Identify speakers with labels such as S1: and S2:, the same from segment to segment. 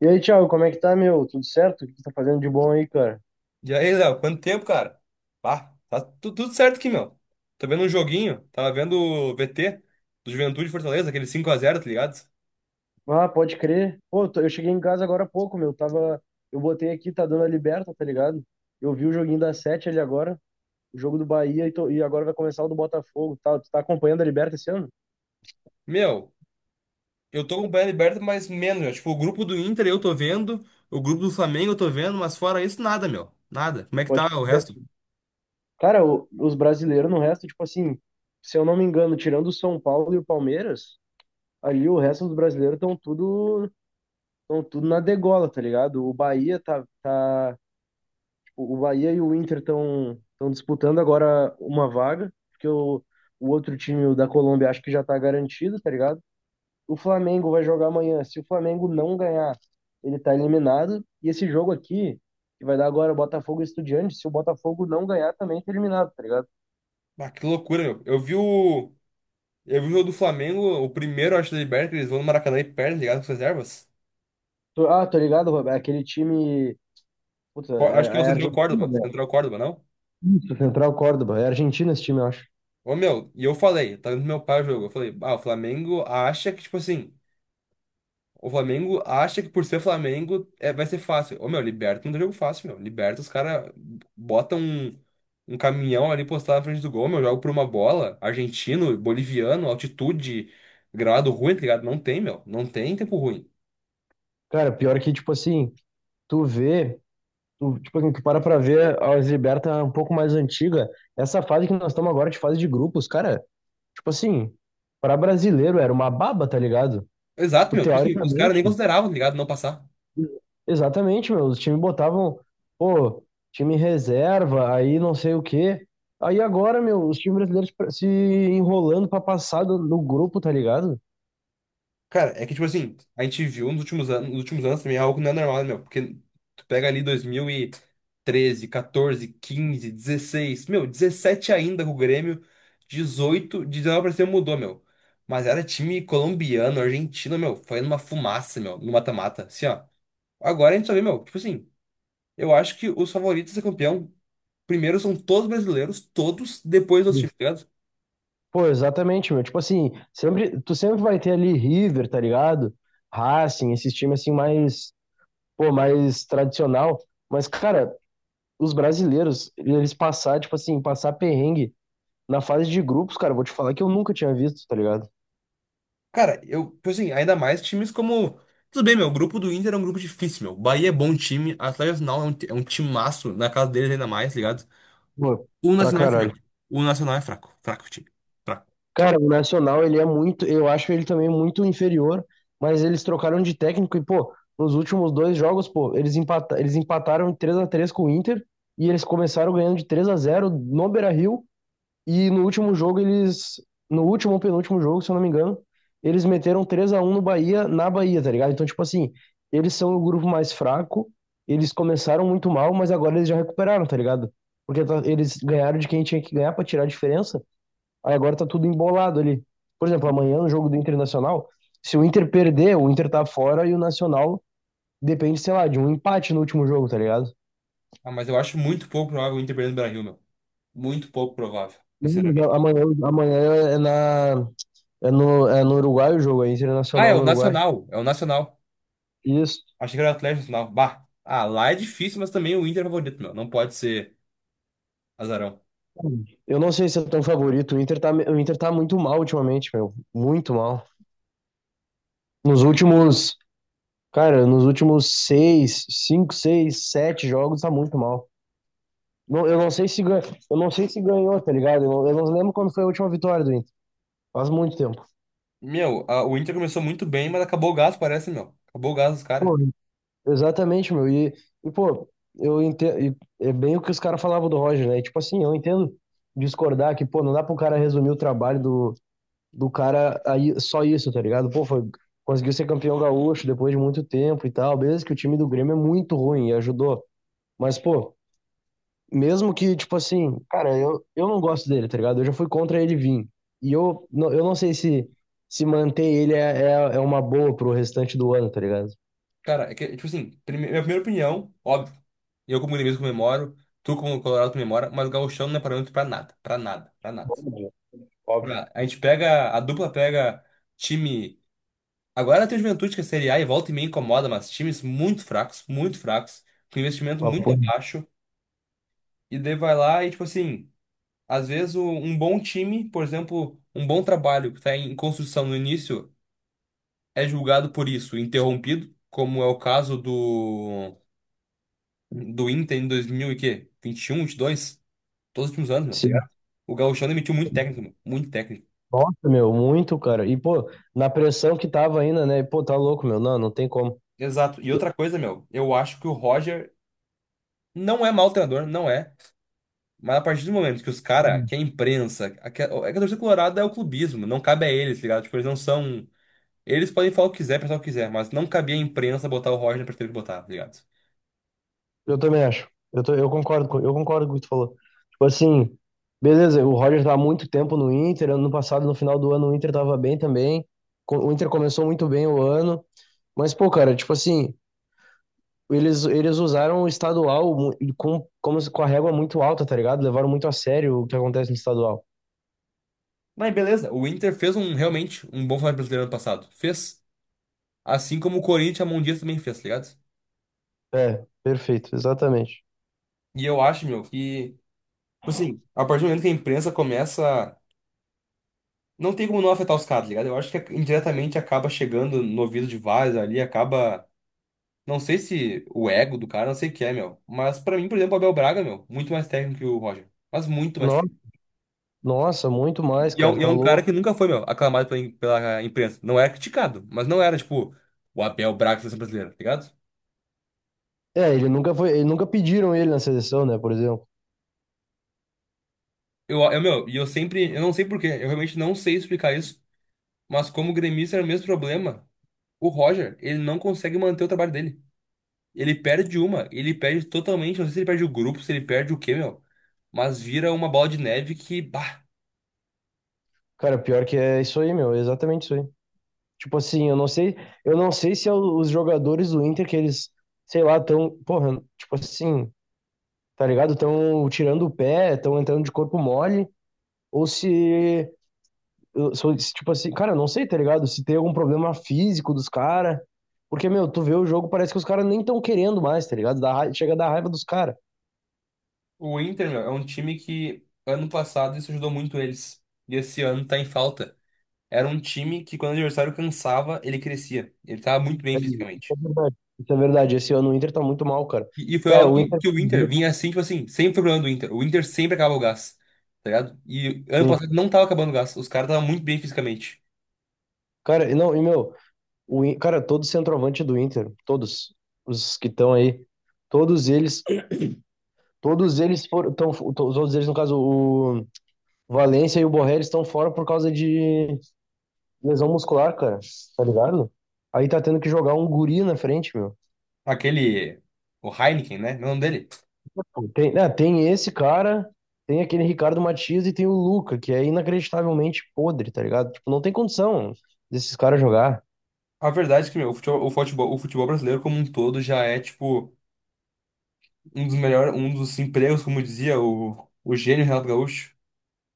S1: E aí, Thiago, como é que tá, meu? Tudo certo? O que tu tá fazendo de bom aí, cara?
S2: E aí, Léo, quanto tempo, cara? Pá, tá tudo certo aqui, meu. Tô vendo um joguinho, tava vendo o VT do Juventude e Fortaleza, aquele 5 a 0, tá ligado?
S1: Ah, pode crer. Pô, eu cheguei em casa agora há pouco, meu. Tava. Eu botei aqui, tá dando a Liberta, tá ligado? Eu vi o joguinho da Sete ali agora, o jogo do Bahia, e agora vai começar o do Botafogo. Tá, tu tá acompanhando a Liberta esse ano?
S2: Meu, eu tô acompanhando a Liberta, mas menos, meu. Tipo, o grupo do Inter eu tô vendo, o grupo do Flamengo eu tô vendo, mas fora isso, nada, meu. Nada. Como é que
S1: Pode
S2: tá o
S1: crer.
S2: resto?
S1: Cara, os brasileiros no resto, tipo assim, se eu não me engano, tirando o São Paulo e o Palmeiras, ali o resto dos brasileiros estão tudo na degola, tá ligado? O Bahia e o Inter estão disputando agora uma vaga, porque o outro time, o da Colômbia, acho que já tá garantido, tá ligado? O Flamengo vai jogar amanhã. Se o Flamengo não ganhar, ele tá eliminado. E esse jogo aqui, que vai dar agora, Botafogo e Estudiantes, se o Botafogo não ganhar, também tá eliminado, tá ligado?
S2: Ah, que loucura, meu. Eu vi o jogo do Flamengo, o primeiro, acho, da Liberta, que eles vão no Maracanã e perdem, tá ligado, com as reservas.
S1: Tô ligado, Roberto. É aquele time. Puta,
S2: Acho que é o
S1: é
S2: Central
S1: Argentina,
S2: Córdoba.
S1: né?
S2: Central Córdoba, não?
S1: Do Central Córdoba. É Argentina esse time, eu acho.
S2: Ô, meu, e eu falei, tá vendo meu pai o jogo. Eu falei, ah, o Flamengo acha que, tipo assim, o Flamengo acha que por ser Flamengo é, vai ser fácil. Ô, meu, Liberta não dá jogo fácil, meu. Liberta, os caras botam um caminhão ali postado na frente do gol, meu, jogo por uma bola. Argentino, boliviano, altitude, gramado ruim, tá ligado? Não tem, meu. Não tem tempo ruim.
S1: Cara, pior que, tipo assim, tu vê. Tu, tipo assim, tu para pra ver a Liberta um pouco mais antiga, essa fase que nós estamos agora de fase de grupos, cara, tipo assim, para brasileiro era uma baba, tá ligado?
S2: Exato,
S1: Tipo,
S2: meu. Tipo assim, os caras nem
S1: teoricamente,
S2: consideravam, tá ligado? Não passar.
S1: exatamente, meu, os times botavam, pô, time reserva, aí não sei o quê. Aí agora, meu, os times brasileiros se enrolando pra passar no grupo, tá ligado?
S2: Cara, é que, tipo assim, a gente viu nos últimos anos também algo que não é normal, né, meu. Porque tu pega ali 2013, 14, 15, 16, meu, 17 ainda com o Grêmio, 18, 19 pra cima mudou, meu. Mas era time colombiano, argentino, meu. Foi numa fumaça, meu, no mata-mata. Assim, ó. Agora a gente só vê, meu, tipo assim, eu acho que os favoritos a ser campeão, primeiro são todos brasileiros, todos, depois dos times.
S1: Pô, exatamente, meu. Tipo assim, sempre, tu sempre vai ter ali River, tá ligado? Racing, esses times assim mais, pô, mais tradicional. Mas, cara, os brasileiros, eles passar, tipo assim, passar perrengue na fase de grupos, cara, eu vou te falar que eu nunca tinha visto, tá ligado?
S2: Cara, eu, tipo assim, ainda mais times como. Tudo bem, meu, o grupo do Inter é um grupo difícil, meu. Bahia é bom time, Atlético Nacional é um timaço, na casa deles ainda mais, ligado?
S1: Pô,
S2: O
S1: pra
S2: Nacional é
S1: caralho.
S2: fraco. O Nacional é fraco. Fraco, time. Fraco.
S1: Cara, o Nacional, ele é muito, eu acho ele também muito inferior, mas eles trocaram de técnico e, pô, nos últimos dois jogos, pô, eles, empata, eles empataram em três a três com o Inter e eles começaram ganhando de três a zero no Beira-Rio. E no último jogo, eles. No último ou penúltimo jogo, se eu não me engano, eles meteram 3 a um no Bahia, na Bahia, tá ligado? Então, tipo assim, eles são o grupo mais fraco, eles começaram muito mal, mas agora eles já recuperaram, tá ligado? Porque eles ganharam de quem tinha que ganhar pra tirar a diferença, aí agora tá tudo embolado ali. Por exemplo, amanhã no jogo do Internacional, se o Inter perder, o Inter tá fora e o Nacional depende, sei lá, de um empate no último jogo, tá ligado?
S2: Ah, mas eu acho muito pouco provável o Inter perder no Brasil, meu. Muito pouco provável,
S1: Não, mas a-
S2: sinceramente.
S1: Amanhã, amanhã é na, é no, é no Uruguai o jogo, é
S2: Ah, é
S1: Internacional
S2: o
S1: no Uruguai.
S2: Nacional. É o Nacional.
S1: Isso.
S2: Achei que era o Atlético Nacional. Bah. Ah, lá é difícil, mas também o Inter é favorito, meu. Não pode ser azarão.
S1: Eu não sei se é tão favorito. O Inter tá muito mal ultimamente, meu. Muito mal. Nos últimos, cara, nos últimos seis, cinco, seis, sete jogos tá muito mal. Não, eu não sei se ganhou, tá ligado? Eu não lembro quando foi a última vitória do Inter. Faz muito tempo.
S2: Meu, o Inter começou muito bem, mas acabou o gás, parece, meu. Acabou o gás dos caras.
S1: Pô, exatamente, meu. E pô, eu entendo, é bem o que os caras falavam do Roger, né? E, tipo assim, eu entendo discordar que, pô, não dá pro cara resumir o trabalho do cara aí só isso, tá ligado? Pô, foi, conseguiu ser campeão gaúcho depois de muito tempo e tal. Beleza que o time do Grêmio é muito ruim e ajudou. Mas, pô, mesmo que, tipo assim, cara, eu não gosto dele, tá ligado? Eu já fui contra ele vir. Eu não sei se, se manter ele é, é uma boa pro restante do ano, tá ligado?
S2: Cara, é que, tipo assim, minha primeira opinião, óbvio, eu como gremista comemoro, tu como colorado comemora, mas gauchão não é parâmetro pra nada, pra nada, pra nada.
S1: Óbvio, óbvio.
S2: A gente pega, a dupla pega time, agora tem o Juventude que é Série A e volta e meia incomoda, mas times muito fracos, com investimento
S1: Mas,
S2: muito
S1: pô,
S2: abaixo, e daí vai lá e, tipo assim, às vezes um bom time, por exemplo, um bom trabalho que tá em construção no início, é julgado por isso, interrompido, como é o caso do Inter em 2000 e quê? 21, 22? Todos os últimos anos, meu, tá
S1: sim.
S2: ligado? O Gauchão demitiu muito técnico, meu. Muito técnico.
S1: Nossa, meu, muito, cara. E, pô, na pressão que tava ainda, né? Pô, tá louco, meu. Não, não tem como.
S2: Exato. E outra coisa, meu, eu acho que o Roger não é mau treinador, não é. Mas a partir do momento que os caras, que a imprensa, é que a torcida colorada é o clubismo, não cabe a eles, tá ligado? Tipo, eles não são. Eles podem falar o que quiser, pensar o que quiser, mas não cabia a imprensa botar o Roger na perspectiva que botar, tá ligado?
S1: Eu também acho. Eu concordo com o que tu falou. Tipo assim, beleza, o Roger tá há muito tempo no Inter. Ano passado, no final do ano, o Inter tava bem também. O Inter começou muito bem o ano. Mas, pô, cara, tipo assim, eles usaram o estadual e com, como, com a régua muito alta, tá ligado? Levaram muito a sério o que acontece no estadual.
S2: Mas beleza, o Inter fez um realmente um bom Campeonato Brasileiro ano passado. Fez. Assim como o Corinthians e a Mão Dias também fez, tá ligado?
S1: É, perfeito, exatamente.
S2: E eu acho, meu, que, tipo assim, a partir do momento que a imprensa começa. Não tem como não afetar os caras, tá ligado? Eu acho que indiretamente acaba chegando no ouvido de vários ali, acaba. Não sei se o ego do cara, não sei o que é, meu. Mas pra mim, por exemplo, o Abel Braga, meu, muito mais técnico que o Roger. Mas muito mais
S1: No-
S2: técnico.
S1: Nossa, muito mais,
S2: E é um,
S1: cara,
S2: e é
S1: tá
S2: um cara
S1: louco.
S2: que nunca foi, meu, aclamado pela imprensa. Não era criticado, mas não era, tipo, o Abel Braga da seleção brasileira, tá ligado?
S1: É, ele nunca foi, ele nunca pediram ele na seleção, né, por exemplo.
S2: Eu, meu, e eu sempre, eu não sei por quê, eu realmente não sei explicar isso. Mas como o gremista era o mesmo problema, o Roger, ele não consegue manter o trabalho dele. Ele perde uma, ele perde totalmente, não sei se ele perde o grupo, se ele perde o quê, meu. Mas vira uma bola de neve que, bah,
S1: Cara, pior que é isso aí, meu, é exatamente isso aí. Tipo assim, eu não sei se é os jogadores do Inter que eles, sei lá, tão, porra, tipo assim, tá ligado? Tão tirando o pé, tão entrando de corpo mole, ou se, se, tipo assim, cara, eu não sei, tá ligado? Se tem algum problema físico dos caras, porque, meu, tu vê o jogo, parece que os caras nem tão querendo mais, tá ligado? Dá raiva, chega a dar raiva dos caras.
S2: o Inter, meu, é um time que ano passado isso ajudou muito eles. E esse ano tá em falta. Era um time que quando o adversário cansava, ele crescia. Ele tava muito bem
S1: É, isso
S2: fisicamente.
S1: é verdade, isso é verdade. Esse ano o Inter tá muito mal, cara.
S2: E foi
S1: Cara,
S2: algo
S1: o
S2: que,
S1: Inter,
S2: que o Inter vinha assim, tipo assim, sempre foi o problema do Inter. O Inter sempre acaba o gás, tá ligado? E ano
S1: sim.
S2: passado não tava acabando o gás, os caras estavam muito bem fisicamente.
S1: Cara, e não, e meu, cara, todo centroavante do Inter, todos os que estão aí, todos eles, todos eles, no caso, o Valência e o Borré, eles estão fora por causa de lesão muscular, cara, tá ligado? Aí tá tendo que jogar um guri na frente, meu.
S2: Aquele. O Heineken, né? Meu nome dele.
S1: Tem, né, tem esse cara, tem aquele Ricardo Matias e tem o Luca, que é inacreditavelmente podre, tá ligado? Tipo, não tem condição desses caras jogar.
S2: A verdade é que meu, o futebol brasileiro como um todo já é, tipo, um dos melhores, um dos empregos, como dizia o gênio Renato Gaúcho.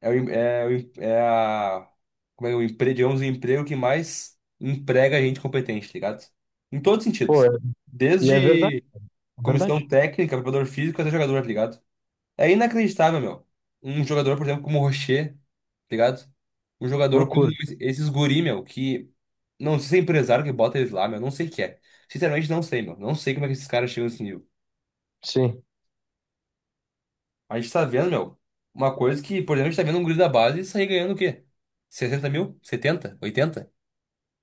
S2: É, o, em- é, o em- é a. Como é o emprego, digamos, o emprego que mais emprega gente competente, tá ligado? Em todos os
S1: Pô,
S2: sentidos.
S1: é- e é verdade,
S2: Desde
S1: é
S2: comissão
S1: verdade.
S2: técnica, preparador físico até jogador, tá ligado? É inacreditável, meu. Um jogador, por exemplo, como o Rocher, tá ligado? Um jogador com
S1: Loucura,
S2: esses guri, meu, que. Não sei se é empresário que bota eles lá, meu. Não sei o que é. Sinceramente, não sei, meu. Não sei como é que esses caras chegam nesse nível.
S1: sim.
S2: A gente tá vendo, meu, uma coisa que, por exemplo, a gente tá vendo um guri da base sair ganhando o quê? 60 mil, 70, 80?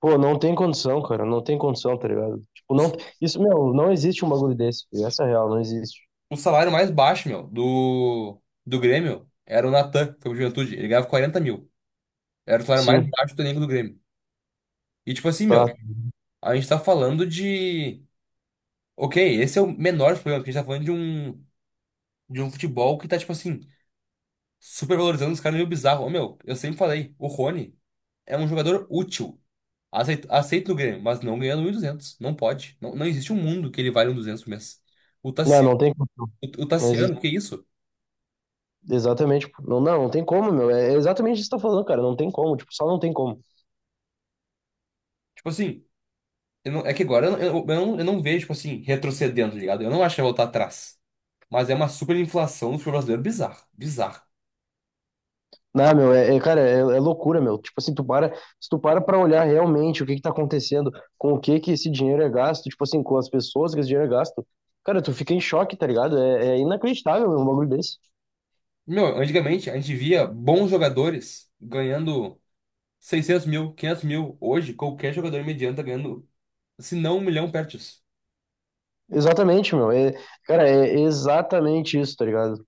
S1: Pô, não tem condição, cara. Não tem condição, tá ligado? Tipo,
S2: O,
S1: não.
S2: s-
S1: Isso, meu, não existe um bagulho desse, filho. Essa é a real, não existe.
S2: o salário mais baixo, meu, do Grêmio era o Natan, que foi pro Juventude. Ele ganhava 40 mil. Era o salário mais
S1: Sim,
S2: baixo do elenco do Grêmio. E, tipo assim, meu,
S1: tá.
S2: a gente tá falando de. OK, esse é o menor problema problemas, porque a gente tá falando de um futebol que tá, tipo assim, super valorizando os caras meio bizarro. Ô, meu, eu sempre falei, o Rony é um jogador útil. Aceito, aceito no Grêmio, mas não ganhando um e duzentos. Não pode. Não, não existe um mundo que ele vale um duzentos por mês. O
S1: Não,
S2: Tassiano,
S1: não tem condição.
S2: o
S1: Não existe.
S2: Tassiano, que isso?
S1: Exatamente, pô. Não, não, não tem como, meu. É exatamente isso que você tá falando, cara. Não tem como. Tipo, só não tem como.
S2: Tipo assim, eu não- é que agora eu não vejo, tipo assim, retrocedendo, tá ligado? Eu não acho que vai voltar atrás. Mas é uma super inflação do futebol brasileiro bizarro. Bizarra.
S1: Não, meu, cara, é loucura, meu. Tipo assim, tu para, se tu para pra olhar realmente o que que tá acontecendo, com o que que esse dinheiro é gasto, tipo assim, com as pessoas que esse dinheiro é gasto, cara, tu fica em choque, tá ligado? É, é inacreditável, meu, um bagulho desse.
S2: Meu, antigamente a gente via bons jogadores ganhando 600 mil, 500 mil. Hoje, qualquer jogador mediano tá ganhando, se não 1 milhão perto disso.
S1: Exatamente, meu. É, cara, é exatamente isso, tá ligado?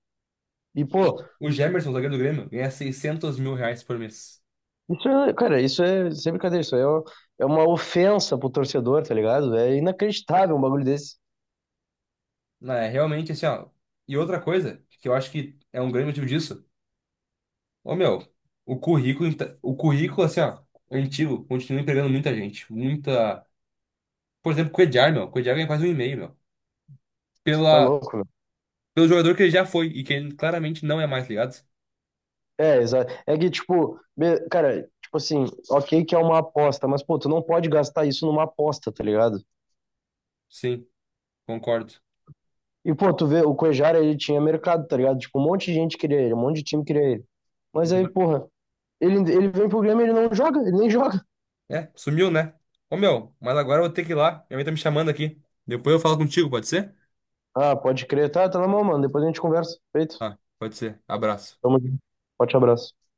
S1: E, pô,
S2: O Jamerson, zagueiro do Grêmio, ganha R$ 600 mil por mês.
S1: isso é, cara, isso é sem brincadeira, é uma ofensa pro torcedor, tá ligado? É inacreditável um bagulho desse.
S2: Não, é realmente assim, ó. E outra coisa, que eu acho que é um grande motivo disso, ô meu, o currículo, assim, ó, antigo, continua empregando muita gente. Muita. Por exemplo, o Cuéllar, meu. O Cuéllar ganha quase um e meio, meu.
S1: Tá
S2: Pela...
S1: louco, meu.
S2: Pelo jogador que ele já foi e que ele claramente não é mais, ligado?
S1: É, exato. É que, tipo, cara, tipo assim, ok que é uma aposta, mas, pô, tu não pode gastar isso numa aposta, tá ligado?
S2: Sim, concordo.
S1: E, pô, tu vê, o Cuejara, ele tinha mercado, tá ligado? Tipo, um monte de gente queria ele, um monte de time queria ele. Mas aí, porra, ele vem pro Grêmio, e ele não joga, ele nem joga.
S2: É, sumiu, né? Ô, meu, mas agora eu vou ter que ir lá. Minha mãe tá me chamando aqui. Depois eu falo contigo, pode ser?
S1: Ah, pode crer, tá, tá na mão, mano, depois a gente conversa. Feito.
S2: Tá, pode ser. Abraço.
S1: Tamo junto. Forte abraço.